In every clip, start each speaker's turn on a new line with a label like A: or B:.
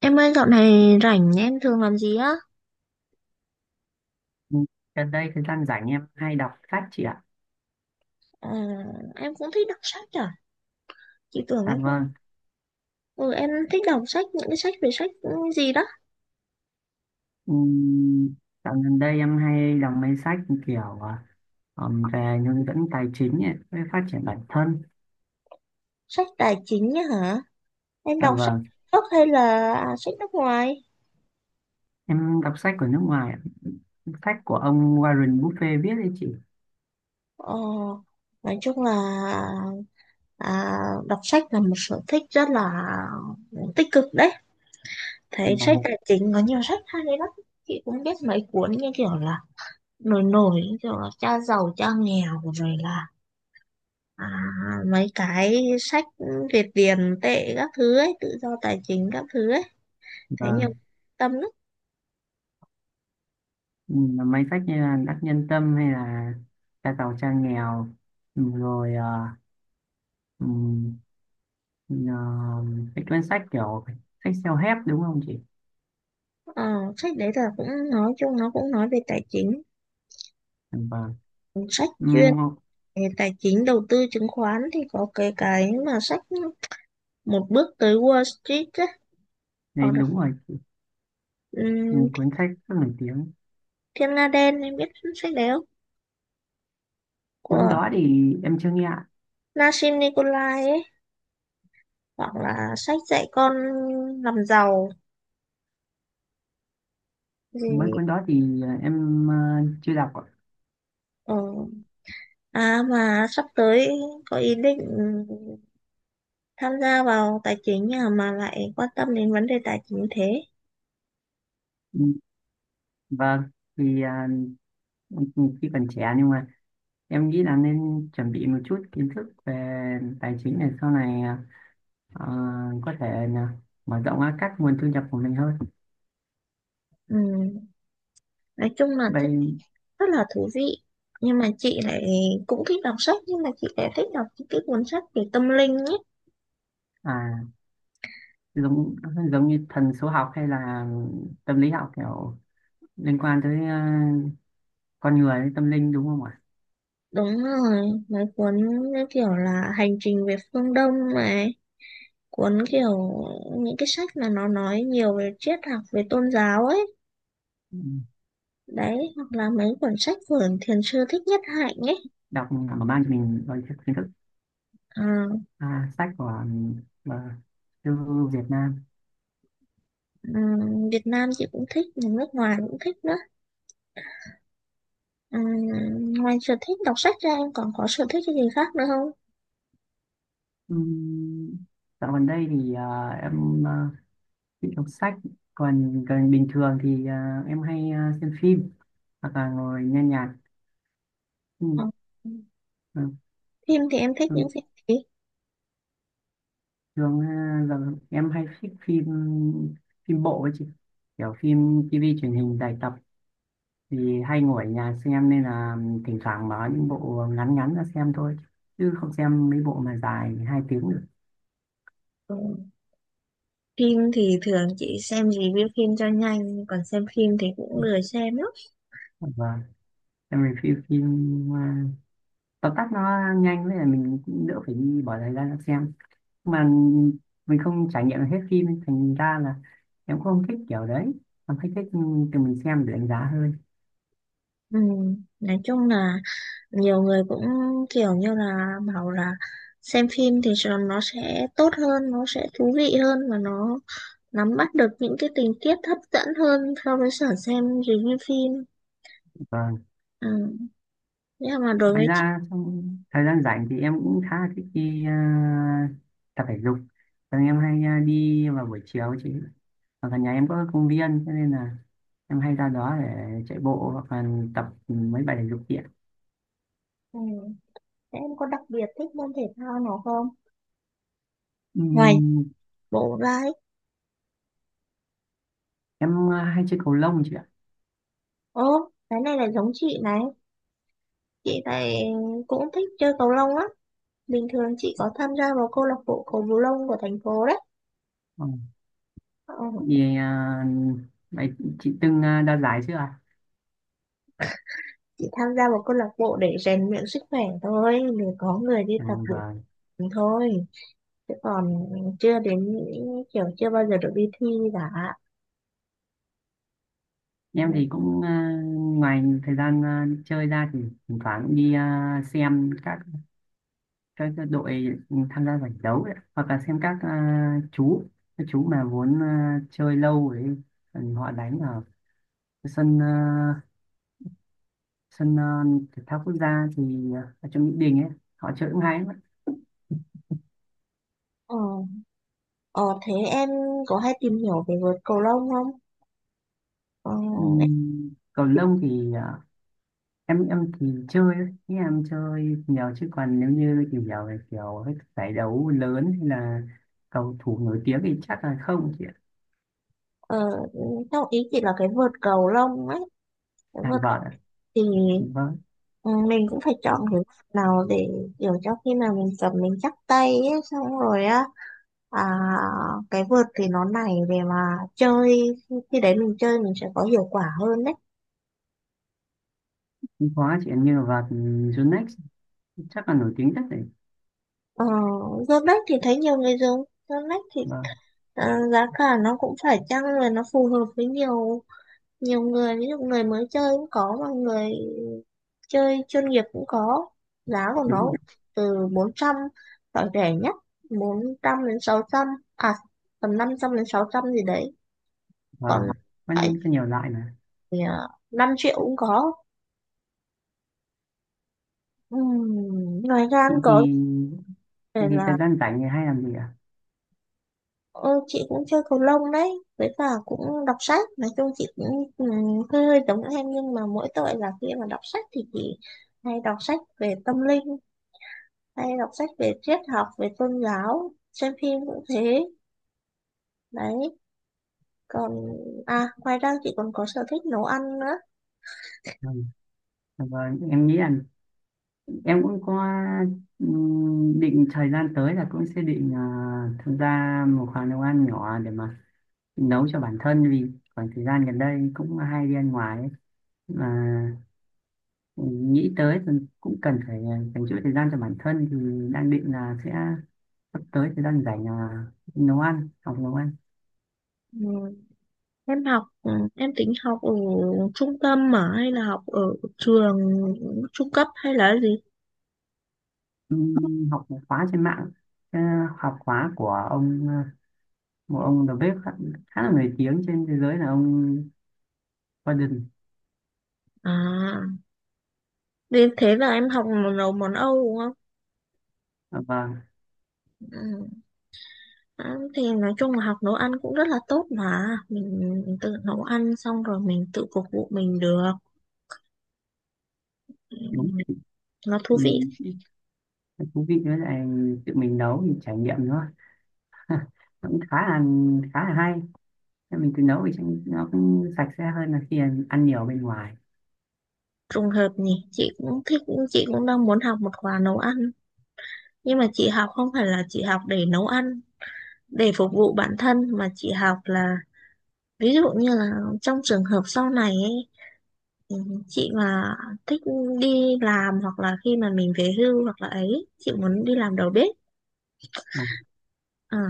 A: Em ơi dạo này rảnh em thường làm gì á?
B: Ừ, Gần đây thời gian rảnh em hay đọc sách chị ạ.
A: Ờ, em cũng thích đọc sách à? Chị tưởng
B: Dạ
A: em không.
B: vâng.
A: Ừ, em thích đọc sách, những cái sách về sách gì đó?
B: Ừm, Dạo gần đây em hay đọc mấy sách kiểu về hướng dẫn tài chính ấy, với phát triển bản thân.
A: Sách tài chính á hả? Em
B: Dạ
A: đọc sách
B: vâng.
A: gốc hay là sách nước ngoài?
B: Em đọc sách của nước ngoài, ạ. Sách của ông Warren Buffett viết đấy chị.
A: Ờ, nói chung là à, đọc sách là một sở thích rất là tích cực đấy.
B: Dạ
A: Thấy sách
B: vâng,
A: tài chính có nhiều sách hay đấy lắm. Chị cũng biết mấy cuốn như kiểu là nổi nổi, như kiểu là cha giàu, cha nghèo rồi là à, mấy cái sách Việt tiền tệ các thứ ấy tự do tài chính các thứ ấy
B: dạ
A: thế nhưng
B: vâng.
A: tâm lắm.
B: Là mấy sách như là Đắc Nhân Tâm hay là Cha giàu cha nghèo, Ừm, rồi à, ừm, ờ, cái cuốn sách kiểu sách self-help đúng không chị?
A: ờ, Sách đấy là cũng nói chung nó cũng nói về tài chính.
B: Dạ vâng.
A: Sách chuyên
B: Ừm,
A: về tài chính đầu tư chứng khoán thì có cái mà sách một bước tới Wall Street ấy,
B: Đấy
A: hoặc là
B: đúng rồi. Ừ,
A: ừm,
B: cuốn sách rất nổi tiếng.
A: Thiên Nga Đen em biết sách đấy không,
B: Cuốn
A: của
B: đó thì em chưa nghe ạ.
A: Nassim Nikolai ấy, hoặc là sách dạy con làm giàu
B: Mấy
A: gì.
B: cuốn đó thì em chưa đọc ạ.
A: ờ, À mà sắp tới có ý định tham gia vào tài chính, mà lại quan tâm đến vấn đề tài chính thế.
B: Ừ, vâng, thì khi còn trẻ nhưng mà em nghĩ là nên chuẩn bị một chút kiến thức về tài chính để sau này ờ, có thể là mở rộng ra các nguồn thu nhập của mình hơn
A: ừ. Nói chung là
B: vậy.
A: thích, rất là thú vị. Nhưng mà chị lại cũng thích đọc sách nhưng mà chị lại thích đọc những cái cuốn sách về tâm linh ấy.
B: À, giống giống như thần số học hay là tâm lý học kiểu liên quan tới con người tâm linh đúng không ạ?
A: Đúng rồi, mấy cuốn như kiểu là hành trình về phương Đông này, cuốn kiểu những cái sách mà nó nói nhiều về triết học về tôn giáo ấy
B: Ừ,
A: đấy, hoặc là mấy cuốn sách của thiền sư Thích Nhất Hạnh ấy.
B: đọc mở mang cho mình đôi chút kiến thức.
A: à,
B: À, sách của mà, thư Việt Nam.
A: ừ, Việt Nam chị cũng thích, nước ngoài cũng thích nữa. Ngoài sở thích đọc sách ra em còn có sở thích cái gì khác nữa không?
B: Ừm, Dạo gần đây thì em thích đọc sách, còn còn bình thường thì em hay xem phim hoặc là ngồi nghe nhạc. Ừm,
A: Còn
B: à,
A: phim thì em thích những
B: thường
A: phim gì?
B: thường à, giờ em hay thích phim phim bộ ấy chị, kiểu phim TV truyền hình dài tập thì hay ngồi ở nhà xem nên là thỉnh thoảng mở những bộ ngắn ngắn ra xem thôi chứ không xem mấy bộ mà dài hai tiếng được.
A: Ừ. Phim thì thường chị xem review phim cho nhanh, còn xem phim thì cũng lười xem lắm.
B: Vâng, em review phim à, tóm tắt nó nhanh với là mình cũng đỡ phải đi bỏ thời gian ra xem mà mình không trải nghiệm được hết phim thành ra là em cũng không thích kiểu đấy. Em thích thích từ mình xem để đánh giá hơn.
A: Nói chung là nhiều người cũng kiểu như là bảo là xem phim thì nó sẽ tốt hơn, nó sẽ thú vị hơn và nó nắm bắt được những cái tình tiết hấp dẫn hơn so với sở xem review phim.
B: Vâng,
A: Ừm, Nhưng mà đối
B: ngoài
A: với chị.
B: ra trong thời gian rảnh thì em cũng khá là thích đi tập thể dục. Thường em hay đi vào buổi chiều chị, ở gần nhà em có công viên cho nên là em hay ra đó để chạy bộ hoặc là tập mấy bài thể dục kia.
A: Ừ. Thế em có đặc biệt thích môn thể thao nào không? Ngoài
B: Ừm,
A: bộ đấy.
B: em hay chơi cầu lông chị ạ.
A: Ố, cái này là giống chị này. Chị này cũng thích chơi cầu lông á. Bình thường chị có tham gia vào câu lạc bộ cầu lông của thành phố đấy.
B: Vâng.
A: Ờ,
B: Vì vậy chị từng đạt giải chưa ạ?
A: chị tham gia vào câu lạc bộ để rèn luyện sức khỏe thôi. Để có người đi
B: À,
A: tập được
B: vâng.
A: thôi. Chứ còn chưa đến những kiểu, chưa bao giờ được đi thi cả. Ừ.
B: Em thì cũng ngoài thời gian chơi ra thì thỉnh thoảng cũng đi xem các đội tham gia giải đấu ấy, hoặc là xem các chú các chú mà muốn chơi lâu ấy, còn họ đánh ở sân sân thể thao quốc gia thì ở trong Mỹ Đình ấy, họ chơi cũng hay lắm.
A: Ờ, ờ, Thế em có hay tìm hiểu về vợt cầu lông không? Ờ,
B: Cầu lông thì em thì chơi ấy, ý em chơi nhiều chứ còn nếu như tìm hiểu về kiểu các giải đấu lớn hay là cầu thủ nổi tiếng thì chắc là không chị ạ.
A: Ờ, Theo ý chị là cái vợt cầu lông ấy. Nếu
B: À,
A: mà
B: vợt ạ?
A: thì
B: Vâng,
A: ừ, mình cũng phải chọn cái mặt nào để kiểu cho khi nào mình cầm mình chắc tay ấy, xong rồi á. à, cái vợt thì nó này để mà chơi, khi đấy mình chơi mình sẽ có hiệu quả hơn đấy.
B: cũng có chị ạ, như là vợt Yonex chắc là nổi tiếng nhất đấy.
A: ờ, Dưa lách thì thấy nhiều người dùng, dưa lách thì
B: Vâng,
A: giá cả nó cũng phải chăng rồi nó phù hợp với nhiều nhiều người, ví dụ người mới chơi cũng có mà người chơi chuyên nghiệp cũng có. Giá của
B: đúng
A: nó
B: rồi.
A: từ 400, loại rẻ nhất 400 đến 600, à tầm 500 đến 600 gì đấy. Còn
B: Vâng, có,
A: lại
B: có nhiều loại mà.
A: thì 5 triệu cũng có. Ừm, Ngoài ra
B: Chị
A: cũng có
B: thì thì,
A: về
B: thì
A: là.
B: thời gian rảnh thì hay làm gì ạ?
A: Chị cũng chơi cầu lông đấy, với cả cũng đọc sách. Nói chung chị cũng hơi hơi giống em nhưng mà mỗi tội là khi mà đọc sách thì chị hay đọc sách về tâm linh, hay đọc sách về triết học về tôn giáo, xem phim cũng thế đấy. Còn ngoài ra chị còn có sở thích nấu ăn nữa.
B: Vâng, vâng, em nghĩ là em cũng có định thời gian tới là cũng sẽ định tham gia một khoảng nấu ăn nhỏ để mà nấu cho bản thân vì khoảng thời gian gần đây cũng hay đi ăn ngoài ấy. Mà nghĩ tới thì cũng cần phải dành chút thời gian cho bản thân thì đang định là sẽ sắp tới thời gian rảnh là nấu ăn, học nấu ăn.
A: ừ. Em học em tính học ở trung tâm mà hay là học ở trường trung cấp hay là gì?
B: Học một khóa trên mạng. Ờ, Học khóa của ông một ông đầu bếp khá là nổi tiếng trên thế giới là ông Gordon.
A: à Vì thế là em học nấu món Âu đúng không?
B: Ờ, vâng,
A: ừ. À, thì nói chung là học nấu ăn cũng rất là tốt mà mình tự nấu ăn xong rồi mình tự phục vụ mình được. Ừ,
B: đúng.
A: nó thú vị.
B: Ừm, Thú vị với lại tự mình nấu thì trải nghiệm nữa cũng khá là hay. Nên mình tự nấu thì trông nó cũng sạch sẽ hơn là khi ăn ăn nhiều bên ngoài.
A: Trùng hợp nhỉ, chị cũng thích. Chị cũng đang muốn học một khóa nấu ăn, nhưng mà chị học không phải là chị học để nấu ăn để phục vụ bản thân, mà chị học là ví dụ như là trong trường hợp sau này ấy, ừ, chị mà thích đi làm hoặc là khi mà mình về hưu hoặc là ấy chị muốn đi làm đầu bếp.
B: Vâng,
A: à,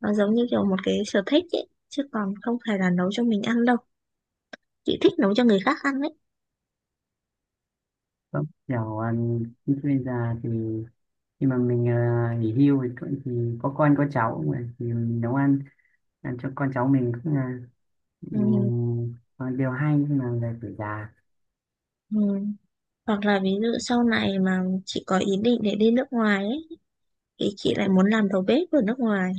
A: nó giống như kiểu một cái sở thích ấy chứ còn không phải là nấu cho mình ăn đâu, chị thích nấu cho người khác ăn đấy.
B: vâng. Kiểu khi bây giờ thì khi mà mình nghỉ hưu thì, thì có con có cháu mà thì mình nấu ăn ăn cho con cháu mình cũng là
A: Ừ,
B: điều hay nhưng mà về tuổi già.
A: ừ. Hoặc là ví dụ sau này mà chị có ý định để đi nước ngoài ấy thì chị lại muốn làm đầu bếp ở nước ngoài,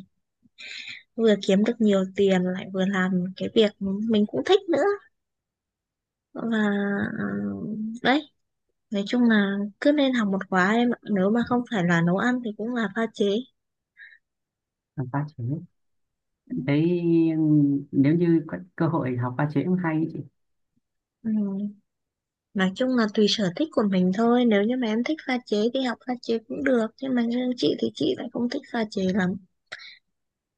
A: vừa kiếm được nhiều tiền lại vừa làm cái việc mình cũng thích nữa. Và ờ, đấy, nói chung là cứ nên học một khóa em ạ, nếu mà không phải là nấu ăn thì cũng là pha chế.
B: Học pha chế thấy nếu như có cơ hội học pha chế cũng hay ấy chị.
A: ừ. Nói chung là tùy sở thích của mình thôi, nếu như mà em thích pha chế thì học pha chế cũng được nhưng mà riêng chị thì chị lại không thích pha chế lắm,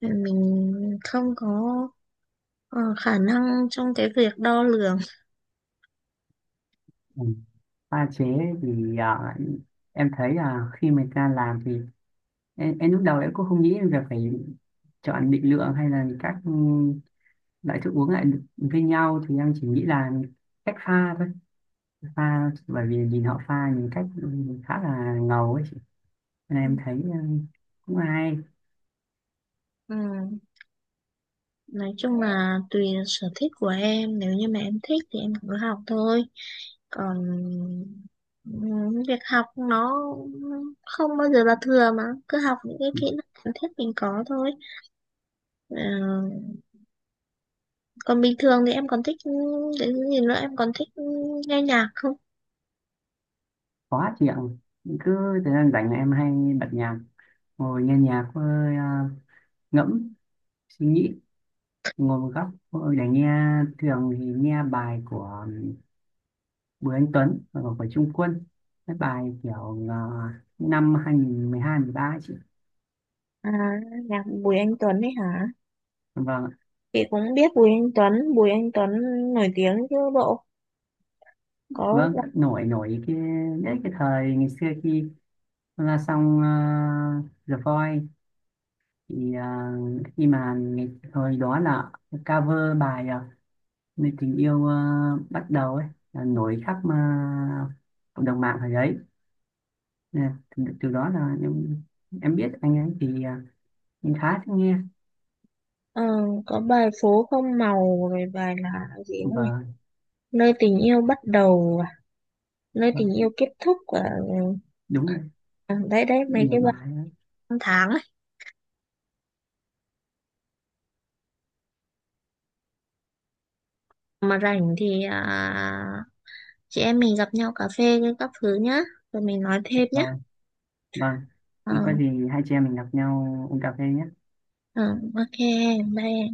A: mình không có ờ, khả năng trong cái việc đo lường.
B: Ừ. Pha chế thì em thấy là khi mình ta làm thì em lúc đầu em cũng không nghĩ là phải chọn định lượng hay là các loại thức uống lại được với nhau, thì em chỉ nghĩ là cách pha thôi, pha bởi vì nhìn họ pha những cách khá là ngầu ấy chị, nên em thấy cũng hay.
A: ừ. Nói chung là tùy sở thích của em, nếu như mà em thích thì em cứ học thôi. Còn việc học nó không bao giờ là thừa mà, cứ học những cái kỹ năng cần thiết mình có thôi. Ờ, Còn bình thường thì em còn thích cái gì nữa, em còn thích nghe nhạc không?
B: Khó chịu, cứ thời gian rảnh là em hay bật nhạc ngồi nghe nhạc với ngẫm suy nghĩ, ngồi một góc ôi, để nghe. Thường thì nghe bài của Bùi Anh Tuấn và Ngọc Phải Trung Quân, cái bài kiểu năm 2012 13 ấy chị.
A: À, nhạc Bùi Anh Tuấn ấy hả?
B: Vâng ạ.
A: Chị cũng biết Bùi Anh Tuấn, Bùi Anh Tuấn nổi tiếng chứ bộ. Có
B: Nổi nổi cái đấy, cái thời ngày xưa khi là xong The Voice thì khi mà ngày, thời đó là cover bài Người tình yêu bắt đầu ấy, là nổi khắp cộng đồng mạng thời đấy. Nè, từ đó là em biết anh ấy thì em khá thích nghe.
A: ờ, có bài phố không màu rồi bài là gì nữa nhỉ?
B: và
A: Nơi tình yêu bắt đầu à? Nơi
B: và
A: tình yêu kết thúc à?
B: đúng rồi,
A: Ừ, đấy đấy mấy
B: nhiều
A: cái bài
B: bài lắm.
A: năm tháng ấy. Mà rảnh thì chị em mình gặp nhau cà phê các thứ nhá, rồi mình nói thêm nhá.
B: Vâng. Vâng,
A: Ờ,
B: thì có gì hai chị em mình gặp nhau uống cà phê nhé.
A: ờ, OK, bye em.